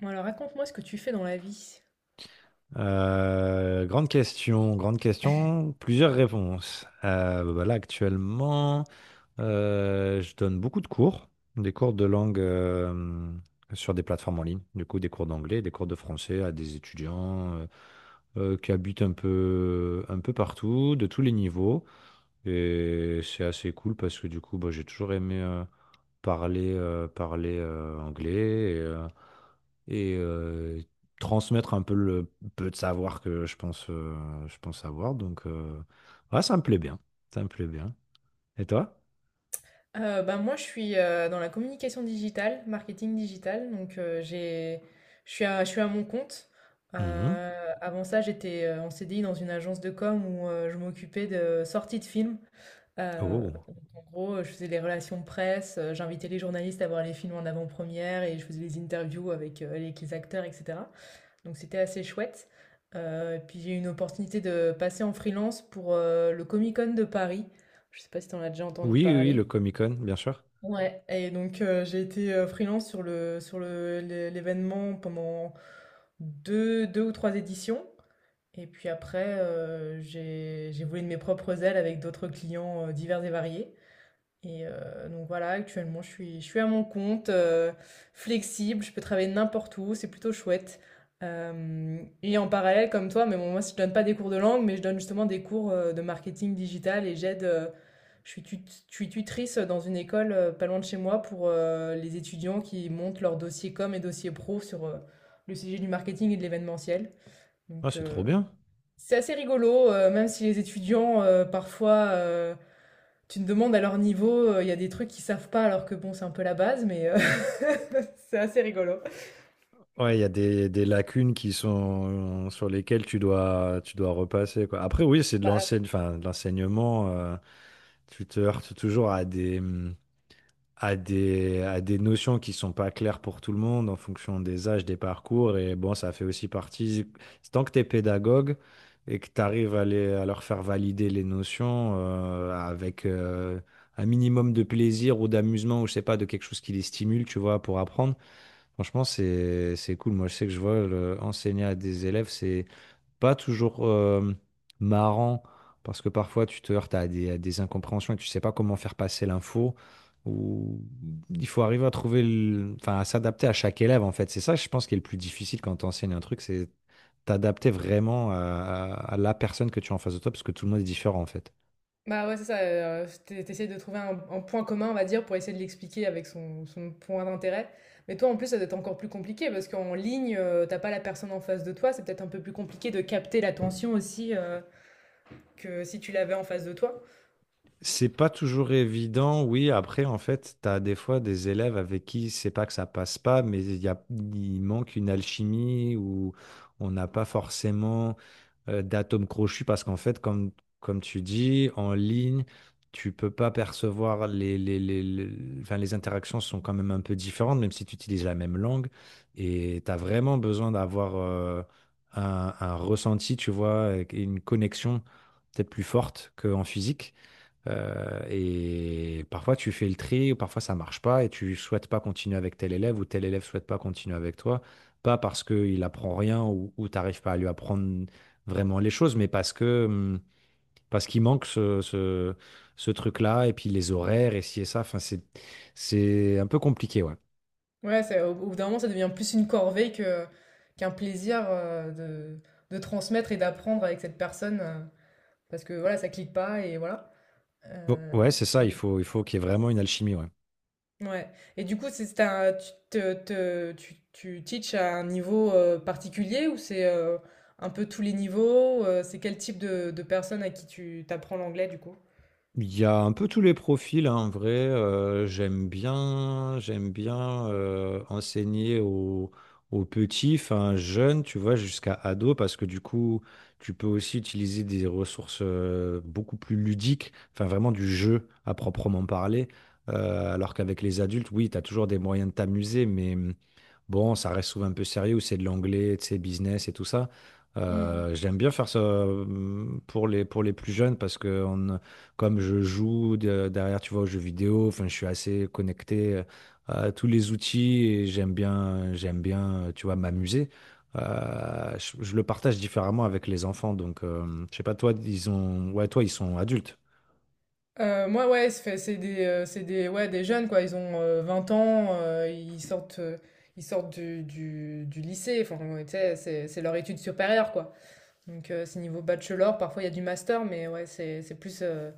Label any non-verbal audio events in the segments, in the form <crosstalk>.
Bon, alors raconte-moi ce que tu fais dans la vie. Grande question, grande question, plusieurs réponses. Bah là, actuellement, je donne beaucoup de cours, des cours de langue sur des plateformes en ligne, du coup, des cours d'anglais, des cours de français à des étudiants qui habitent un peu partout, de tous les niveaux. Et c'est assez cool parce que du coup, bah, j'ai toujours aimé parler anglais et transmettre un peu le peu de savoir que je pense avoir. Donc, ouais, ça me plaît bien. Ça me plaît bien. Et toi? Moi, je suis dans la communication digitale, marketing digital. Donc, j'ai, je suis à mon compte. Mhm. Euh, Avant ça, j'étais en CDI dans une agence de com où je m'occupais de sorties de films. Oh. Donc, en gros, je faisais les relations presse, j'invitais les journalistes à voir les films en avant-première et je faisais les interviews avec, avec les acteurs, etc. Donc c'était assez chouette. Et puis j'ai eu une opportunité de passer en freelance pour, le Comic-Con de Paris. Je sais pas si tu en as déjà entendu Oui, oui, oui, parler? le Mmh. Comic-Con, bien sûr. Ouais, et donc j'ai été, freelance sur le l'é l'événement pendant deux ou 3 éditions, et puis après, j'ai volé de mes propres ailes avec d'autres clients, divers et variés. Et donc voilà, actuellement, je suis à mon compte, flexible, je peux travailler n'importe où, c'est plutôt chouette. Hem Et en parallèle, comme toi, mais bon, moi, si je donne pas des cours de langue, mais je donne justement des cours, de marketing digital, et j'aide, je suis tut je suis tutrice dans une école, pas loin de chez moi pour, les étudiants qui montent leur dossier com et dossier pro sur, le sujet du marketing et de l'événementiel. Ah, Donc c'est trop bien. c'est assez rigolo, même si les étudiants, parfois, tu te demandes à leur niveau, il y a des trucs qu'ils savent pas alors que bon, c'est un peu la base, mais <laughs> c'est assez rigolo. Ouais, il y a des lacunes qui sont sur lesquelles tu dois repasser, quoi. Après, oui, c'est Bah, enfin, de l'enseignement. Tu te heurtes toujours à des, mmh, à des notions qui sont pas claires pour tout le monde en fonction des âges, des parcours. Et bon, ça fait aussi partie, tant que tu es pédagogue et que tu arrives à leur faire valider les notions avec un minimum de plaisir ou d'amusement ou je sais pas, de quelque chose qui les stimule, tu vois, pour apprendre. Franchement, c'est cool. Moi, je sais que je vois enseigner à des élèves, c'est pas toujours marrant, parce que parfois tu te heurtes à des incompréhensions et tu sais pas comment faire passer l'info, ou il faut arriver à trouver, enfin, à s'adapter à chaque élève, en fait. C'est ça, je pense, qui est le plus difficile quand tu enseignes un truc, c'est t'adapter vraiment à la personne que tu as en face de toi, parce que tout le monde est différent, en fait. bah ouais, c'est ça, t'essayes de trouver un point commun, on va dire, pour essayer de l'expliquer avec son, son point d'intérêt. Mais toi, en plus, ça doit être encore plus compliqué parce qu'en ligne, t'as pas la personne en face de toi, c'est peut-être un peu plus compliqué de capter l'attention aussi que si tu l'avais en face de toi. C'est pas toujours évident, oui. Après, en fait, tu as des fois des élèves avec qui c'est pas que ça passe pas, mais il manque une alchimie où on n'a pas forcément d'atomes crochus parce qu'en fait, comme tu dis, en ligne, tu peux pas percevoir enfin, les interactions sont quand même un peu différentes, même si tu utilises la même langue. Et tu as vraiment besoin d'avoir un ressenti, tu vois, et une connexion peut-être plus forte qu'en physique. Et parfois tu fais le tri, ou parfois ça marche pas, et tu souhaites pas continuer avec tel élève, ou tel élève souhaite pas continuer avec toi, pas parce qu'il apprend rien ou t'arrives pas à lui apprendre vraiment les choses, mais parce qu'il manque ce truc-là, et puis les horaires, et ci et ça, enfin c'est un peu compliqué, ouais. Ouais, au bout d'un moment, ça devient plus une corvée que, qu'un plaisir de transmettre et d'apprendre avec cette personne. Parce que voilà, ça clique pas, et voilà. Heu, Bon, ouais, c'est ça, il faut qu'il y ait vraiment une alchimie, ouais. ouais, et du coup, c'est un tu te te tu tu teaches à un niveau, particulier, ou c'est, un peu tous les niveaux? C'est quel type de personnes à qui tu t'apprends l'anglais, du coup? Il y a un peu tous les profils, hein, en vrai. J'aime bien, j'aime bien enseigner aux petits, enfin jeunes, tu vois, jusqu'à ados, parce que du coup, tu peux aussi utiliser des ressources beaucoup plus ludiques, enfin vraiment du jeu à proprement parler. Alors qu'avec les adultes, oui, tu as toujours des moyens de t'amuser, mais bon, ça reste souvent un peu sérieux, c'est de l'anglais, tu sais, business et tout ça. Mmh mh. J'aime bien faire ça pour les plus jeunes parce que comme je joue derrière, tu vois, aux jeux vidéo, enfin, je suis assez connecté à tous les outils et j'aime bien, tu vois, m'amuser. Je le partage différemment avec les enfants, donc je sais pas, toi, ouais, toi, ils sont adultes. Moi, ouais, c'est des ouais, des jeunes, quoi. Ils ont, 20 ans, ils sortent du lycée. Enfin, tu sais, c'est leur étude supérieure, quoi. Donc c'est niveau bachelor, parfois il y a du master, mais ouais, c'est plus...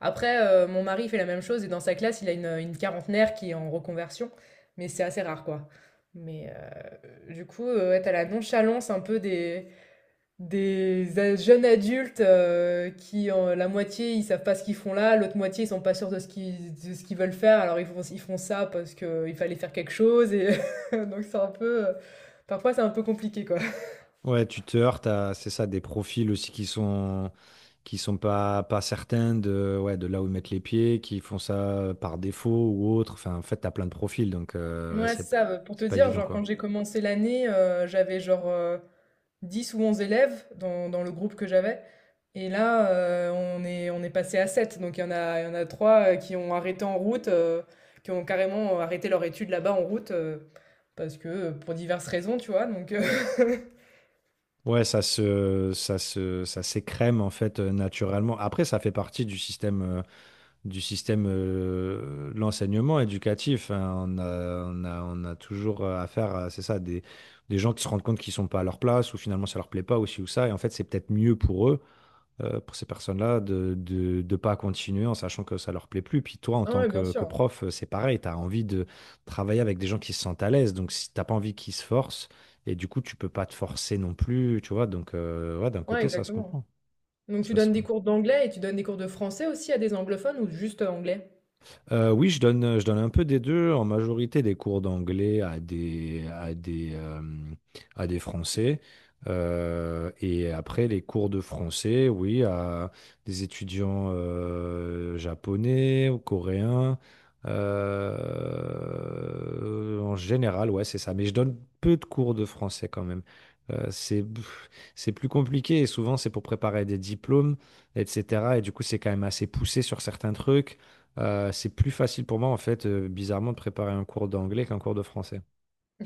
Après, mon mari fait la même chose et dans sa classe, il a une quarantenaire qui est en reconversion, mais c'est assez rare, quoi. Mais du coup, ouais, t'as la nonchalance un peu des, jeunes adultes euh, la moitié, ils savent pas ce qu'ils font là, l'autre moitié, ils sont pas sûrs de ce qu'ils veulent faire, alors ils font ça parce que il fallait faire quelque chose, et <laughs> donc c'est un peu... Parfois, c'est un peu compliqué, quoi. Ouais, tu te heurtes à, c'est ça, des profils aussi qui sont pas certains de, ouais, de là où ils mettent les pieds, qui font ça par défaut ou autre. Enfin, en fait, t'as plein de profils, donc ouais, Ouais, c'est, c'est ça, pour te c'est pas dire, évident, genre, quand quoi. j'ai commencé l'année, j'avais genre, 10 ou 11 élèves dans le groupe que j'avais, et là, on est passé à 7. Donc il y en a 3 qui ont arrêté en route, qui ont carrément arrêté leurs études là-bas en route, parce que, pour diverses raisons, tu vois? Donc Ouais, ça s'écrème en fait naturellement. Après, ça fait partie du système de l'enseignement éducatif. Hein. On a toujours affaire à, c'est ça, des gens qui se rendent compte qu'ils sont pas à leur place ou finalement ça leur plaît pas ou ci ou ça. Et en fait, c'est peut-être mieux pour eux pour ces personnes-là de pas continuer en sachant que ça leur plaît plus. Puis toi, en <laughs> ah tant ouais, bien que sûr. prof, c'est pareil, tu as envie de travailler avec des gens qui se sentent à l'aise. Donc, si t'as pas envie qu'ils se forcent, et du coup, tu peux pas te forcer non plus, tu vois. Donc, ouais, d'un Ouais, côté, ça se exactement. comprend. Donc tu Ça se... donnes des cours d'anglais et tu donnes des cours de français aussi à des anglophones ou juste anglais? Oui, je donne un peu des 2. En majorité des cours d'anglais à des Français, et après les cours de français, oui, à des étudiants, japonais ou coréens, en général, ouais, c'est ça. Mais je donne peu de cours de français quand même. Heu, c'est pff, c'est plus compliqué et souvent c'est pour préparer des diplômes et cetera et du coup, c'est quand même assez poussé sur certains trucs. C'est plus facile pour moi, en fait, bizarrement, de préparer un cours d'anglais qu'un cours de français.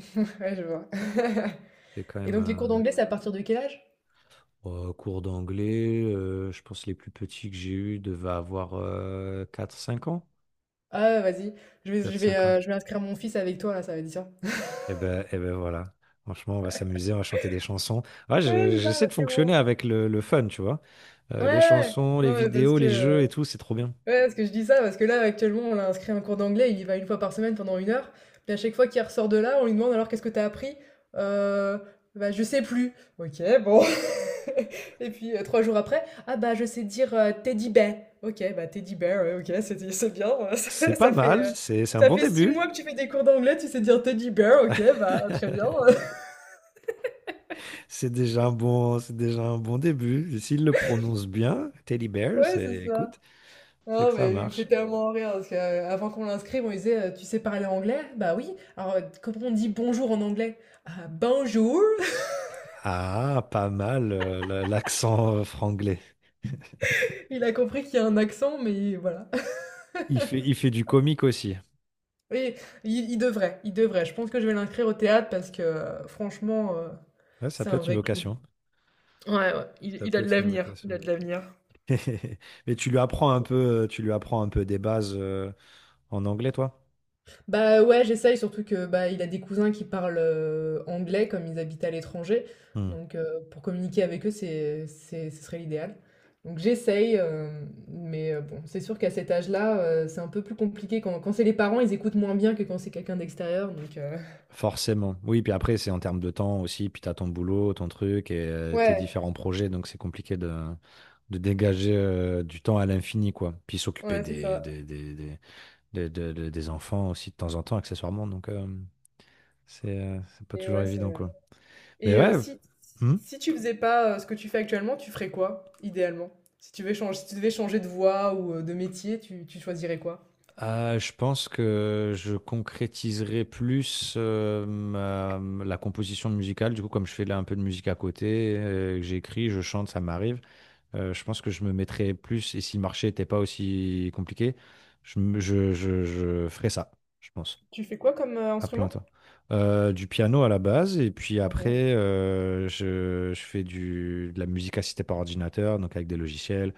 <laughs> Ouais, je vois. <laughs> C'est quand Et donc les cours même d'anglais, c'est à partir de quel âge? un cours d'anglais. Je pense que les plus petits que j'ai eus devaient avoir 4-5 ans. Ah, ouais, vas-y, Quatre, cinq ans. Je vais inscrire mon fils avec toi là, ça va être bien. <laughs> Et ben voilà. Franchement, on va s'amuser, on va chanter des chansons. Ouais, Ouais, c'est ça, j'essaie de parce que fonctionner bon, avec le fun, tu vois. ouais, Les ouais, chansons, les non, mais parce vidéos, que, les jeux et tout, c'est trop bien. ouais, parce que je dis ça, parce que là, actuellement, on l'a inscrit à un cours d'anglais, il y va une fois par semaine pendant une heure, puis à chaque fois qu'il ressort de là, on lui demande: «Alors qu'est-ce que t'as appris?» «Heu, Bah, je sais plus». «OK, bon». <laughs> Et puis, 3 jours après: «Ah bah, je sais dire, teddy bear». «OK, bah, teddy bear, ouais, OK, c'est bien, <laughs> C'est ça pas mal, c'est un ça bon fait 6 début. mois que tu fais des cours d'anglais, tu sais dire teddy bear, OK, bah, très bien». <laughs> <laughs> C'est déjà un bon, c'est déjà un bon début. S'il le prononce bien, Teddy Bear, Ouais, c'est, c'est ça. écoute, c'est Non, que ça mais il me fait marche. tellement rire parce qu'avant qu'on l'inscrive, on lui disait tu sais parler anglais? Bah oui. Alors, comment on dit bonjour en anglais? Ah, bonjour! <laughs> Ah, pas mal, l'accent franglais. Il a compris qu'il y a un accent, mais voilà. Il fait du comique aussi. Oui, il devrait, il devrait. Je pense que je vais l'inscrire au théâtre parce que franchement, Ouais, ça c'est peut un être une vrai clou. vocation. Ouais, ouais, Ça il a peut de être une l'avenir. Il vocation. a de l'avenir. <laughs> Mais tu lui apprends un peu, tu lui apprends un peu des bases, en anglais, toi? Bah ouais, j'essaye, surtout que bah, il a des cousins qui parlent anglais comme ils habitent à l'étranger. Hmm. Donc pour communiquer avec eux, ce serait l'idéal. Donc j'essaye, mais bon, c'est sûr qu'à cet âge-là, c'est un peu plus compliqué. Quand c'est les parents, ils écoutent moins bien que quand c'est quelqu'un d'extérieur. Donc Forcément. Oui, puis après, c'est en termes de temps aussi, puis t'as ton boulot, ton truc et tes ouais, différents projets, donc c'est compliqué de dégager du temps à l'infini, quoi. Puis s'occuper ouais, c'est des, ça. des, des, des, des- de- de- des enfants aussi de temps en temps, accessoirement, donc c'est pas Et toujours ouais, évident, c'est... quoi. Mais Et ouais, hmm. si tu faisais pas ce que tu fais actuellement, tu ferais quoi, idéalement? Si tu devais changer, si tu devais changer de voie ou de métier, tu choisirais quoi? Je pense que je concrétiserai plus la composition musicale, du coup, comme je fais là un peu de musique à côté, que j'écris, je chante, ça m'arrive. Je pense que je me mettrais plus, et si le marché n'était pas aussi compliqué, je ferais ça, je pense, Tu fais quoi comme à plein instrument? temps. Du piano à la base, et puis après, je fais de la musique assistée par ordinateur, donc avec des logiciels,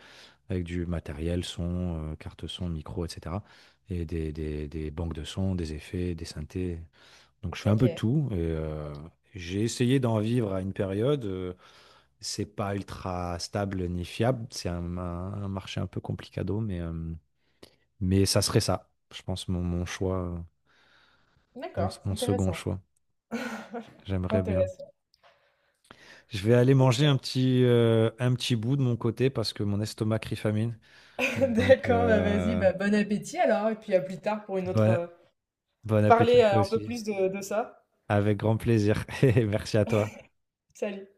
avec du matériel, son, carte son, micro, etc. Et des banques de sons, des effets, des synthés. Donc je fais un OK. peu de tout, et OK. j'ai essayé d'en vivre à une période. C'est pas ultra stable ni fiable. C'est un marché un peu complicado, mais ça serait ça, je pense, mon choix, mon, D'accord, mon second choix. J'aimerais bien. intéressant. Je vais aller manger un OK. petit, euh, un petit bout de mon côté parce que mon estomac crie famine. <laughs> Donc, D'accord, bah, vas-y, bah, bon appétit alors, et puis à plus tard pour une autre, bon, bon appétit parler, à toi un peu aussi. plus de ça. Avec grand plaisir. <laughs> Merci à toi. Salut.